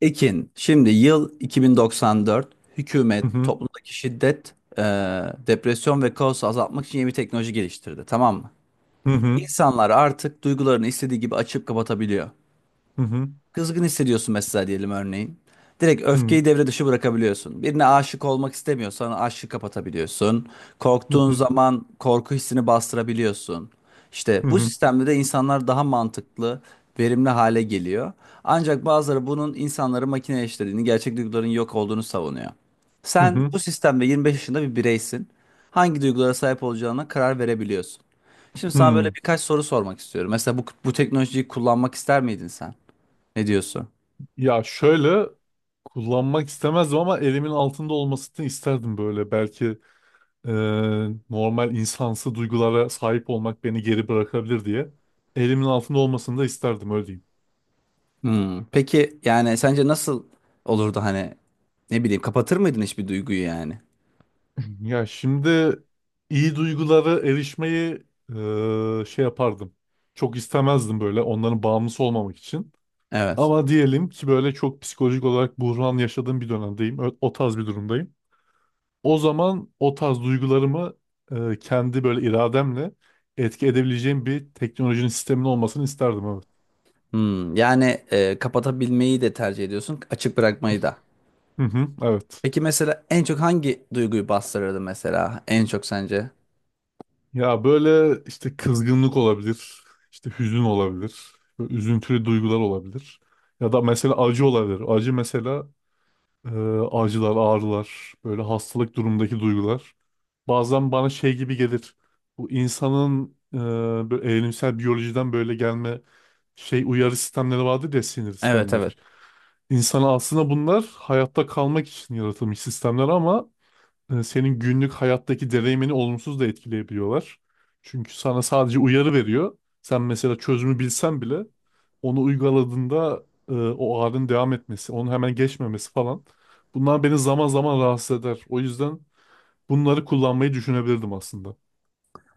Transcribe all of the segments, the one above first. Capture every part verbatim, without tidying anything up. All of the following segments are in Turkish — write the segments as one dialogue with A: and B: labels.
A: Ekin, şimdi yıl iki bin doksan dört,
B: Hı
A: hükümet
B: hı,
A: toplumdaki şiddet, e, depresyon ve kaosu azaltmak için yeni bir teknoloji geliştirdi, tamam mı?
B: hı hı,
A: İnsanlar artık duygularını istediği gibi açıp kapatabiliyor.
B: hı hı,
A: Kızgın hissediyorsun mesela diyelim örneğin. Direkt
B: hı hı,
A: öfkeyi devre dışı bırakabiliyorsun. Birine aşık olmak istemiyorsan aşkı kapatabiliyorsun. Korktuğun
B: hı
A: zaman korku hissini bastırabiliyorsun. İşte bu
B: hı,
A: sistemde de insanlar daha mantıklı, verimli hale geliyor. Ancak bazıları bunun insanları makineleştirdiğini, gerçek duyguların yok olduğunu savunuyor.
B: hı
A: Sen
B: hı,
A: bu sistemde yirmi beş yaşında bir bireysin. Hangi duygulara sahip olacağına karar verebiliyorsun. Şimdi sana böyle
B: hı.
A: birkaç soru sormak istiyorum. Mesela bu, bu teknolojiyi kullanmak ister miydin sen? Ne diyorsun?
B: Ya şöyle kullanmak istemezdim ama elimin altında olmasını isterdim böyle. Belki e, normal insansı duygulara sahip olmak beni geri bırakabilir diye. Elimin altında olmasını da isterdim öyle diyeyim.
A: Hmm. Peki yani sence nasıl olurdu hani ne bileyim kapatır mıydın hiçbir duyguyu yani?
B: Ya şimdi iyi duygulara erişmeyi e, şey yapardım. Çok istemezdim böyle onların bağımlısı olmamak için.
A: Evet.
B: Ama diyelim ki böyle çok psikolojik olarak buhran yaşadığım bir dönemdeyim. Ö- O tarz bir durumdayım. O zaman o tarz duygularımı e, kendi böyle irademle etki edebileceğim bir teknolojinin sistemin olmasını isterdim evet.
A: Hmm. Yani e, kapatabilmeyi de tercih ediyorsun, açık bırakmayı da.
B: Hı hı, evet.
A: Peki mesela en çok hangi duyguyu bastırırdı mesela en çok sence?
B: Ya böyle işte kızgınlık olabilir, işte hüzün olabilir, böyle üzüntülü duygular olabilir. Ya da mesela acı olabilir. Acı mesela Ee, acılar, ağrılar, böyle hastalık durumundaki duygular. Bazen bana şey gibi gelir. Bu insanın e, böyle evrimsel biyolojiden böyle gelme şey uyarı sistemleri vardır ya sinir
A: Evet,
B: sistemleri.
A: evet.
B: İnsan aslında bunlar hayatta kalmak için yaratılmış sistemler ama e, senin günlük hayattaki deneyimini olumsuz da etkileyebiliyorlar. Çünkü sana sadece uyarı veriyor. Sen mesela çözümü bilsen bile onu uyguladığında e, o ağrının devam etmesi, onu hemen geçmemesi falan. Bunlar beni zaman zaman rahatsız eder. O yüzden bunları kullanmayı düşünebilirdim aslında.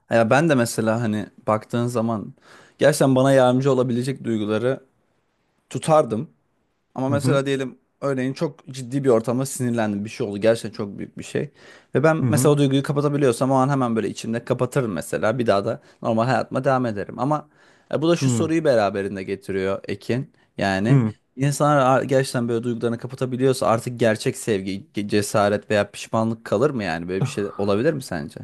A: Ya ben de mesela hani baktığın zaman gerçekten bana yardımcı olabilecek duyguları tutardım. Ama
B: Hı hı
A: mesela diyelim örneğin çok ciddi bir ortamda sinirlendim. Bir şey oldu. Gerçekten çok büyük bir şey. Ve ben mesela
B: hı
A: o duyguyu kapatabiliyorsam o an hemen böyle içimde kapatırım mesela. Bir daha da normal hayatıma devam ederim. Ama e, bu da
B: hı
A: şu
B: hı.
A: soruyu beraberinde getiriyor Ekin. Yani
B: Hı.
A: insanlar a- gerçekten böyle duygularını kapatabiliyorsa artık gerçek sevgi, ge- cesaret veya pişmanlık kalır mı yani? Böyle bir şey olabilir mi sence?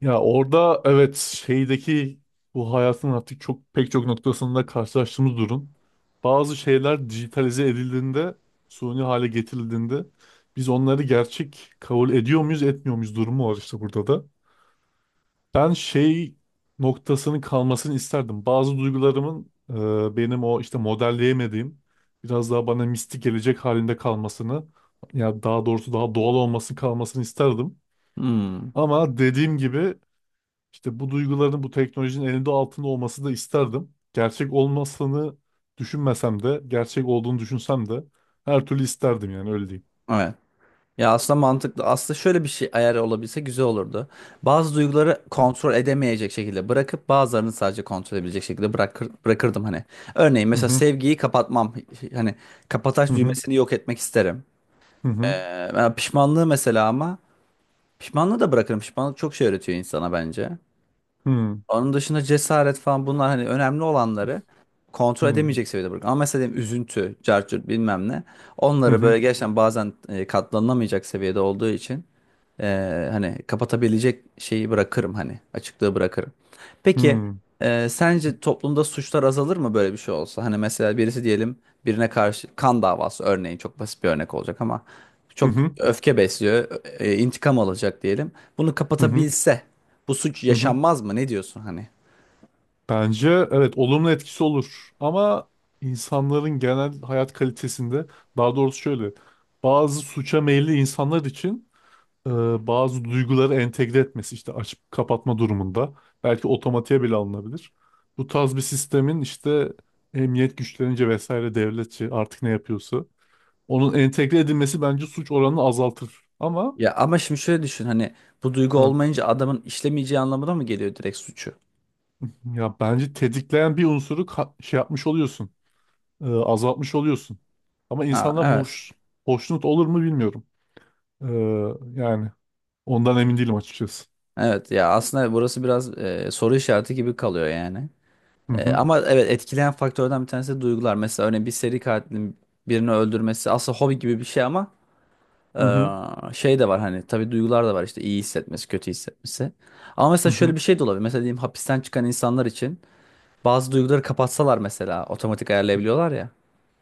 B: Ya orada evet şeydeki bu hayatın artık çok pek çok noktasında karşılaştığımız durum. Bazı şeyler dijitalize edildiğinde, suni hale getirildiğinde biz onları gerçek kabul ediyor muyuz, etmiyor muyuz durumu var işte burada da. Ben şey noktasının kalmasını isterdim. Bazı duygularımın e, benim o işte modelleyemediğim biraz daha bana mistik gelecek halinde kalmasını ya daha doğrusu daha doğal olması kalmasını isterdim.
A: Hmm.
B: Ama dediğim gibi işte bu duyguların bu teknolojinin elinde altında olması da isterdim. Gerçek olmasını düşünmesem de, gerçek olduğunu düşünsem de her türlü isterdim yani öyle diyeyim.
A: Evet. Ya aslında mantıklı. Aslında şöyle bir şey ayar olabilse güzel olurdu. Bazı duyguları kontrol edemeyecek şekilde bırakıp bazılarını sadece kontrol edebilecek şekilde bırakır, bırakırdım hani. Örneğin
B: Hı
A: mesela
B: hı
A: sevgiyi kapatmam. Hani kapataç
B: hı
A: düğmesini yok etmek isterim.
B: hı hı
A: Ee, ben pişmanlığı mesela ama pişmanlığı da bırakırım. Pişmanlık çok şey öğretiyor insana bence.
B: hı
A: Onun dışında cesaret falan bunlar hani önemli olanları kontrol
B: hı
A: edemeyecek seviyede bırak. Ama mesela diyelim üzüntü, cartçurt bilmem ne.
B: hı
A: Onları
B: hı hı
A: böyle gerçekten bazen e, katlanılamayacak seviyede olduğu için e, hani kapatabilecek şeyi bırakırım hani açıklığı bırakırım.
B: hı
A: Peki
B: hı
A: e, sence toplumda suçlar azalır mı böyle bir şey olsa? Hani mesela birisi diyelim birine karşı kan davası örneğin çok basit bir örnek olacak ama çok öfke besliyor, e, e, intikam alacak diyelim. Bunu
B: hı hı
A: kapatabilse bu suç
B: hı hı.
A: yaşanmaz mı? Ne diyorsun hani?
B: Bence evet olumlu etkisi olur ama insanların genel hayat kalitesinde daha doğrusu şöyle bazı suça meyilli insanlar için e, bazı duyguları entegre etmesi işte açıp kapatma durumunda belki otomatiğe bile alınabilir. Bu tarz bir sistemin işte emniyet güçlerince vesaire devletçi artık ne yapıyorsa onun entegre edilmesi bence suç oranını azaltır. Ama
A: Ya ama şimdi şöyle düşün hani bu duygu
B: hı,
A: olmayınca adamın işlemeyeceği anlamına mı geliyor direkt suçu?
B: ya bence tetikleyen bir unsuru ka- şey yapmış oluyorsun, e, azaltmış oluyorsun. Ama
A: Aa,
B: insanlar
A: evet.
B: hoş hoşnut olur mu bilmiyorum. E, yani ondan emin değilim açıkçası.
A: Evet ya aslında burası biraz e, soru işareti gibi kalıyor yani.
B: Hı
A: E,
B: hı
A: ama evet etkileyen faktörden bir tanesi de duygular. Mesela örneğin bir seri katilin birini öldürmesi aslında hobi gibi bir şey ama
B: hı hı
A: e, şey de var hani tabii duygular da var işte iyi hissetmesi, kötü hissetmesi. Ama mesela
B: hı
A: şöyle
B: hı.
A: bir şey de olabilir. Mesela diyelim hapisten çıkan insanlar için bazı duyguları kapatsalar mesela otomatik ayarlayabiliyorlar ya.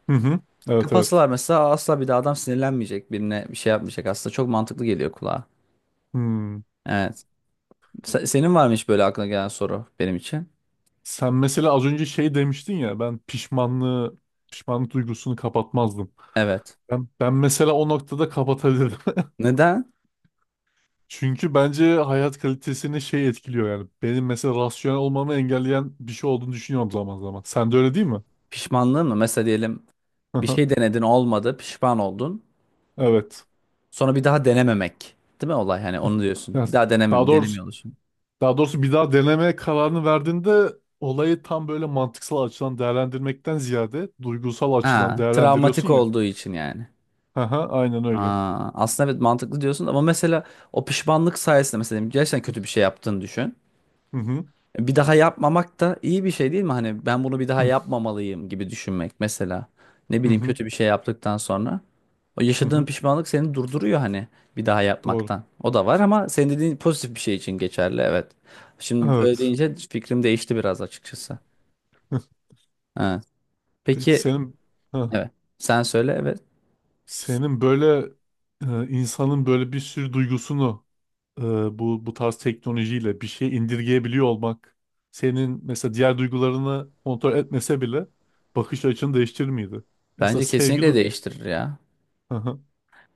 B: Hı hı. Evet evet.
A: Kapatsalar mesela asla bir daha adam sinirlenmeyecek, birine bir şey yapmayacak. Aslında çok mantıklı geliyor kulağa.
B: Hmm.
A: Evet. Se- senin var mı hiç böyle aklına gelen soru benim için?
B: Sen mesela az önce şey demiştin ya ben pişmanlığı pişmanlık duygusunu kapatmazdım.
A: Evet.
B: Ben, ben mesela o noktada kapatabilirim.
A: Neden?
B: Çünkü bence hayat kalitesini şey etkiliyor yani. Benim mesela rasyonel olmamı engelleyen bir şey olduğunu düşünüyorum zaman zaman. Sen de öyle değil mi?
A: Pişmanlığın mı? Mesela diyelim bir şey denedin olmadı, pişman oldun.
B: Evet.
A: Sonra bir daha denememek. Değil mi olay? Hani onu diyorsun.
B: Yani
A: Bir daha
B: daha
A: deneme,
B: doğrusu
A: denemiyor oluşun.
B: daha doğrusu bir daha denemeye kararını verdiğinde olayı tam böyle mantıksal açıdan değerlendirmekten ziyade duygusal açıdan
A: Ha,
B: değerlendiriyorsun
A: travmatik
B: ya.
A: olduğu için yani.
B: aha Aynen öyle.
A: Aa, aslında evet mantıklı diyorsun ama mesela o pişmanlık sayesinde mesela diyelim gerçekten kötü bir şey yaptığını düşün.
B: Hı hı.
A: E, Bir daha yapmamak da iyi bir şey değil mi? Hani ben bunu bir daha yapmamalıyım gibi düşünmek mesela. Ne
B: Hı
A: bileyim
B: hı.
A: kötü bir şey yaptıktan sonra. O
B: Hı
A: yaşadığın
B: hı.
A: pişmanlık seni durduruyor hani bir daha
B: Doğru.
A: yapmaktan. O da var ama senin dediğin pozitif bir şey için geçerli evet. Şimdi öyle
B: Evet.
A: deyince fikrim değişti biraz açıkçası. Evet.
B: Peki
A: Peki
B: senin ha,
A: evet. Sen söyle evet.
B: senin böyle e, insanın böyle bir sürü duygusunu e, bu bu tarz teknolojiyle bir şey indirgeyebiliyor olmak senin mesela diğer duygularını kontrol etmese bile bakış açını değiştirir miydi? Mesela
A: Bence
B: sevgi
A: kesinlikle
B: du-
A: değiştirir ya.
B: Hı hı,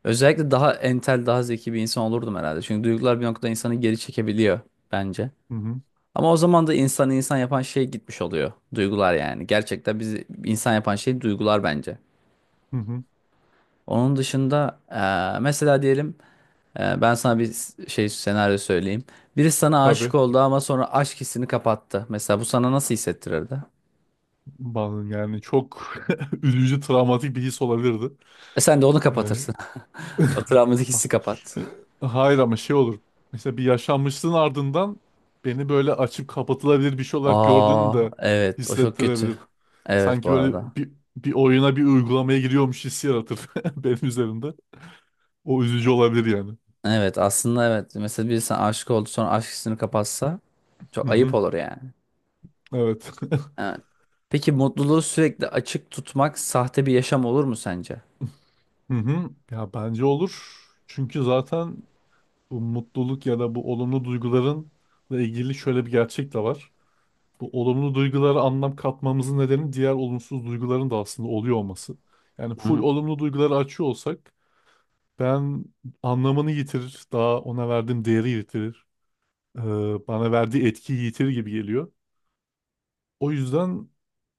A: Özellikle daha entel, daha zeki bir insan olurdum herhalde. Çünkü duygular bir noktada insanı geri çekebiliyor bence.
B: hı hı,
A: Ama o zaman da insanı insan yapan şey gitmiş oluyor. Duygular yani. Gerçekten bizi insan yapan şey duygular bence.
B: hı hı.
A: Onun dışında eee, mesela diyelim Ee, ben sana bir s- şey senaryo söyleyeyim. Biri sana
B: Tabii
A: aşık oldu ama sonra aşk hissini kapattı. Mesela bu sana nasıl hissettirirdi?
B: bazen yani çok üzücü travmatik bir his olabilirdi.
A: E sen de onu
B: Yani
A: kapatırsın. O travmatik
B: Ha-
A: hissi kapat.
B: e, Hayır ama şey olur. Mesela bir yaşanmışlığın ardından beni böyle açıp kapatılabilir bir şey olarak gördüğünü
A: Aa,
B: de
A: evet o çok kötü.
B: hissettirebilir.
A: Evet bu
B: Sanki
A: arada.
B: böyle bir, bir oyuna bir uygulamaya giriyormuş hissi yaratır benim üzerimde. O üzücü olabilir yani.
A: Evet aslında evet. Mesela biri sana aşık oldu sonra aşk hissini kapatsa
B: Hı
A: çok ayıp
B: hı.
A: olur yani.
B: Evet.
A: Evet. Peki mutluluğu sürekli açık tutmak sahte bir yaşam olur mu sence?
B: Hı hı. Ya bence olur. Çünkü zaten bu mutluluk ya da bu olumlu duygularınla ilgili şöyle bir gerçek de var. Bu olumlu duygulara anlam katmamızın nedeni diğer olumsuz duyguların da aslında oluyor olması. Yani full olumlu duyguları açıyor olsak ben anlamını yitirir, daha ona verdiğim değeri yitirir, eee, bana verdiği etkiyi yitirir gibi geliyor. O yüzden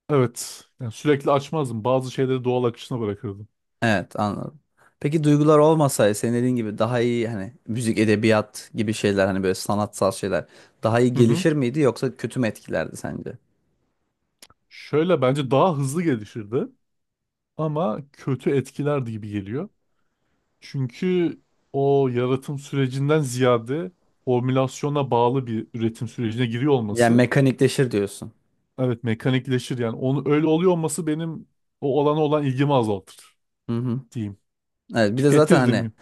B: evet yani sürekli açmazdım. Bazı şeyleri doğal akışına bırakırdım.
A: Evet anladım. Peki duygular olmasaydı senin dediğin gibi daha iyi hani müzik, edebiyat gibi şeyler hani böyle sanatsal şeyler daha iyi
B: Hı hı.
A: gelişir miydi yoksa kötü mü etkilerdi sence?
B: Şöyle bence daha hızlı gelişirdi ama kötü etkilerdi gibi geliyor. Çünkü o yaratım sürecinden ziyade formülasyona bağlı bir üretim sürecine giriyor
A: Yani
B: olması
A: mekanikleşir diyorsun.
B: evet mekanikleşir yani onu öyle oluyor olması benim o olana olan ilgimi azaltır
A: Hı hı.
B: diyeyim.
A: Evet bir de zaten hani
B: Tüketirdim.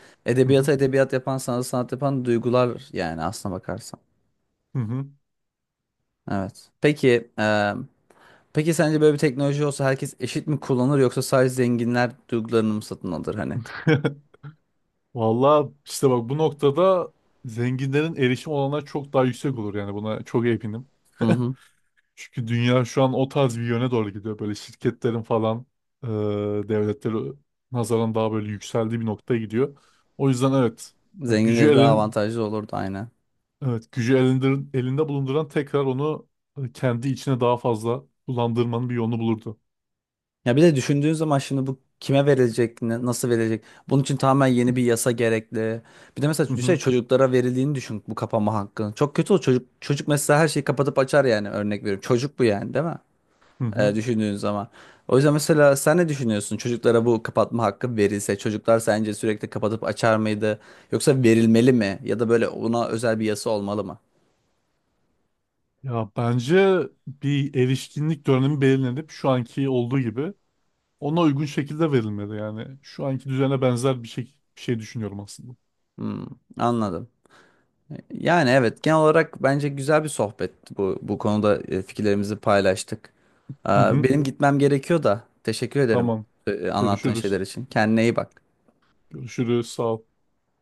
B: Hı hı.
A: edebiyata edebiyat yapan sanat sanat yapan duygular yani aslına bakarsan.
B: Hı hı.
A: Evet. Peki e, peki sence böyle bir teknoloji olsa herkes eşit mi kullanır yoksa sadece zenginler duygularını mı satın alır hani?
B: Valla işte bak bu noktada zenginlerin erişim olanlar çok daha yüksek olur yani buna çok eminim.
A: Hı hı.
B: Çünkü dünya şu an o tarz bir yöne doğru gidiyor. Böyle şirketlerin falan e, devletleri nazaran daha böyle yükseldiği bir noktaya gidiyor. O yüzden evet yani gücü
A: Zenginleri daha
B: elin
A: avantajlı olurdu aynen.
B: evet gücü elindir, elinde bulunduran tekrar onu e, kendi içine daha fazla kullandırmanın bir yolunu bulurdu.
A: Ya bir de düşündüğün zaman şimdi bu kime verilecek, ne- nasıl verilecek? Bunun için tamamen yeni bir yasa gerekli. Bir de mesela
B: Hı
A: düşünsene
B: hı,
A: çocuklara verildiğini düşün bu kapama hakkı. Çok kötü o çocuk. Çocuk mesela her şeyi kapatıp açar yani örnek veriyorum. Çocuk bu yani değil mi?
B: hı hı.
A: Ee, düşündüğün zaman. O yüzden mesela sen ne düşünüyorsun? Çocuklara bu kapatma hakkı verilse çocuklar sence sürekli kapatıp açar mıydı? Yoksa verilmeli mi? Ya da böyle ona özel bir yasa olmalı mı?
B: Ya bence bir erişkinlik dönemi belirlenip şu anki olduğu gibi ona uygun şekilde verilmeli. Yani şu anki düzene benzer bir şey, bir şey düşünüyorum aslında.
A: Hmm, anladım. Yani evet genel olarak bence güzel bir sohbetti bu bu konuda e, fikirlerimizi paylaştık.
B: Hı
A: Aa,
B: hı,
A: benim gitmem gerekiyor da teşekkür ederim
B: tamam.
A: e, anlattığın şeyler
B: Görüşürüz.
A: için. Kendine iyi bak.
B: Görüşürüz. Sağ ol.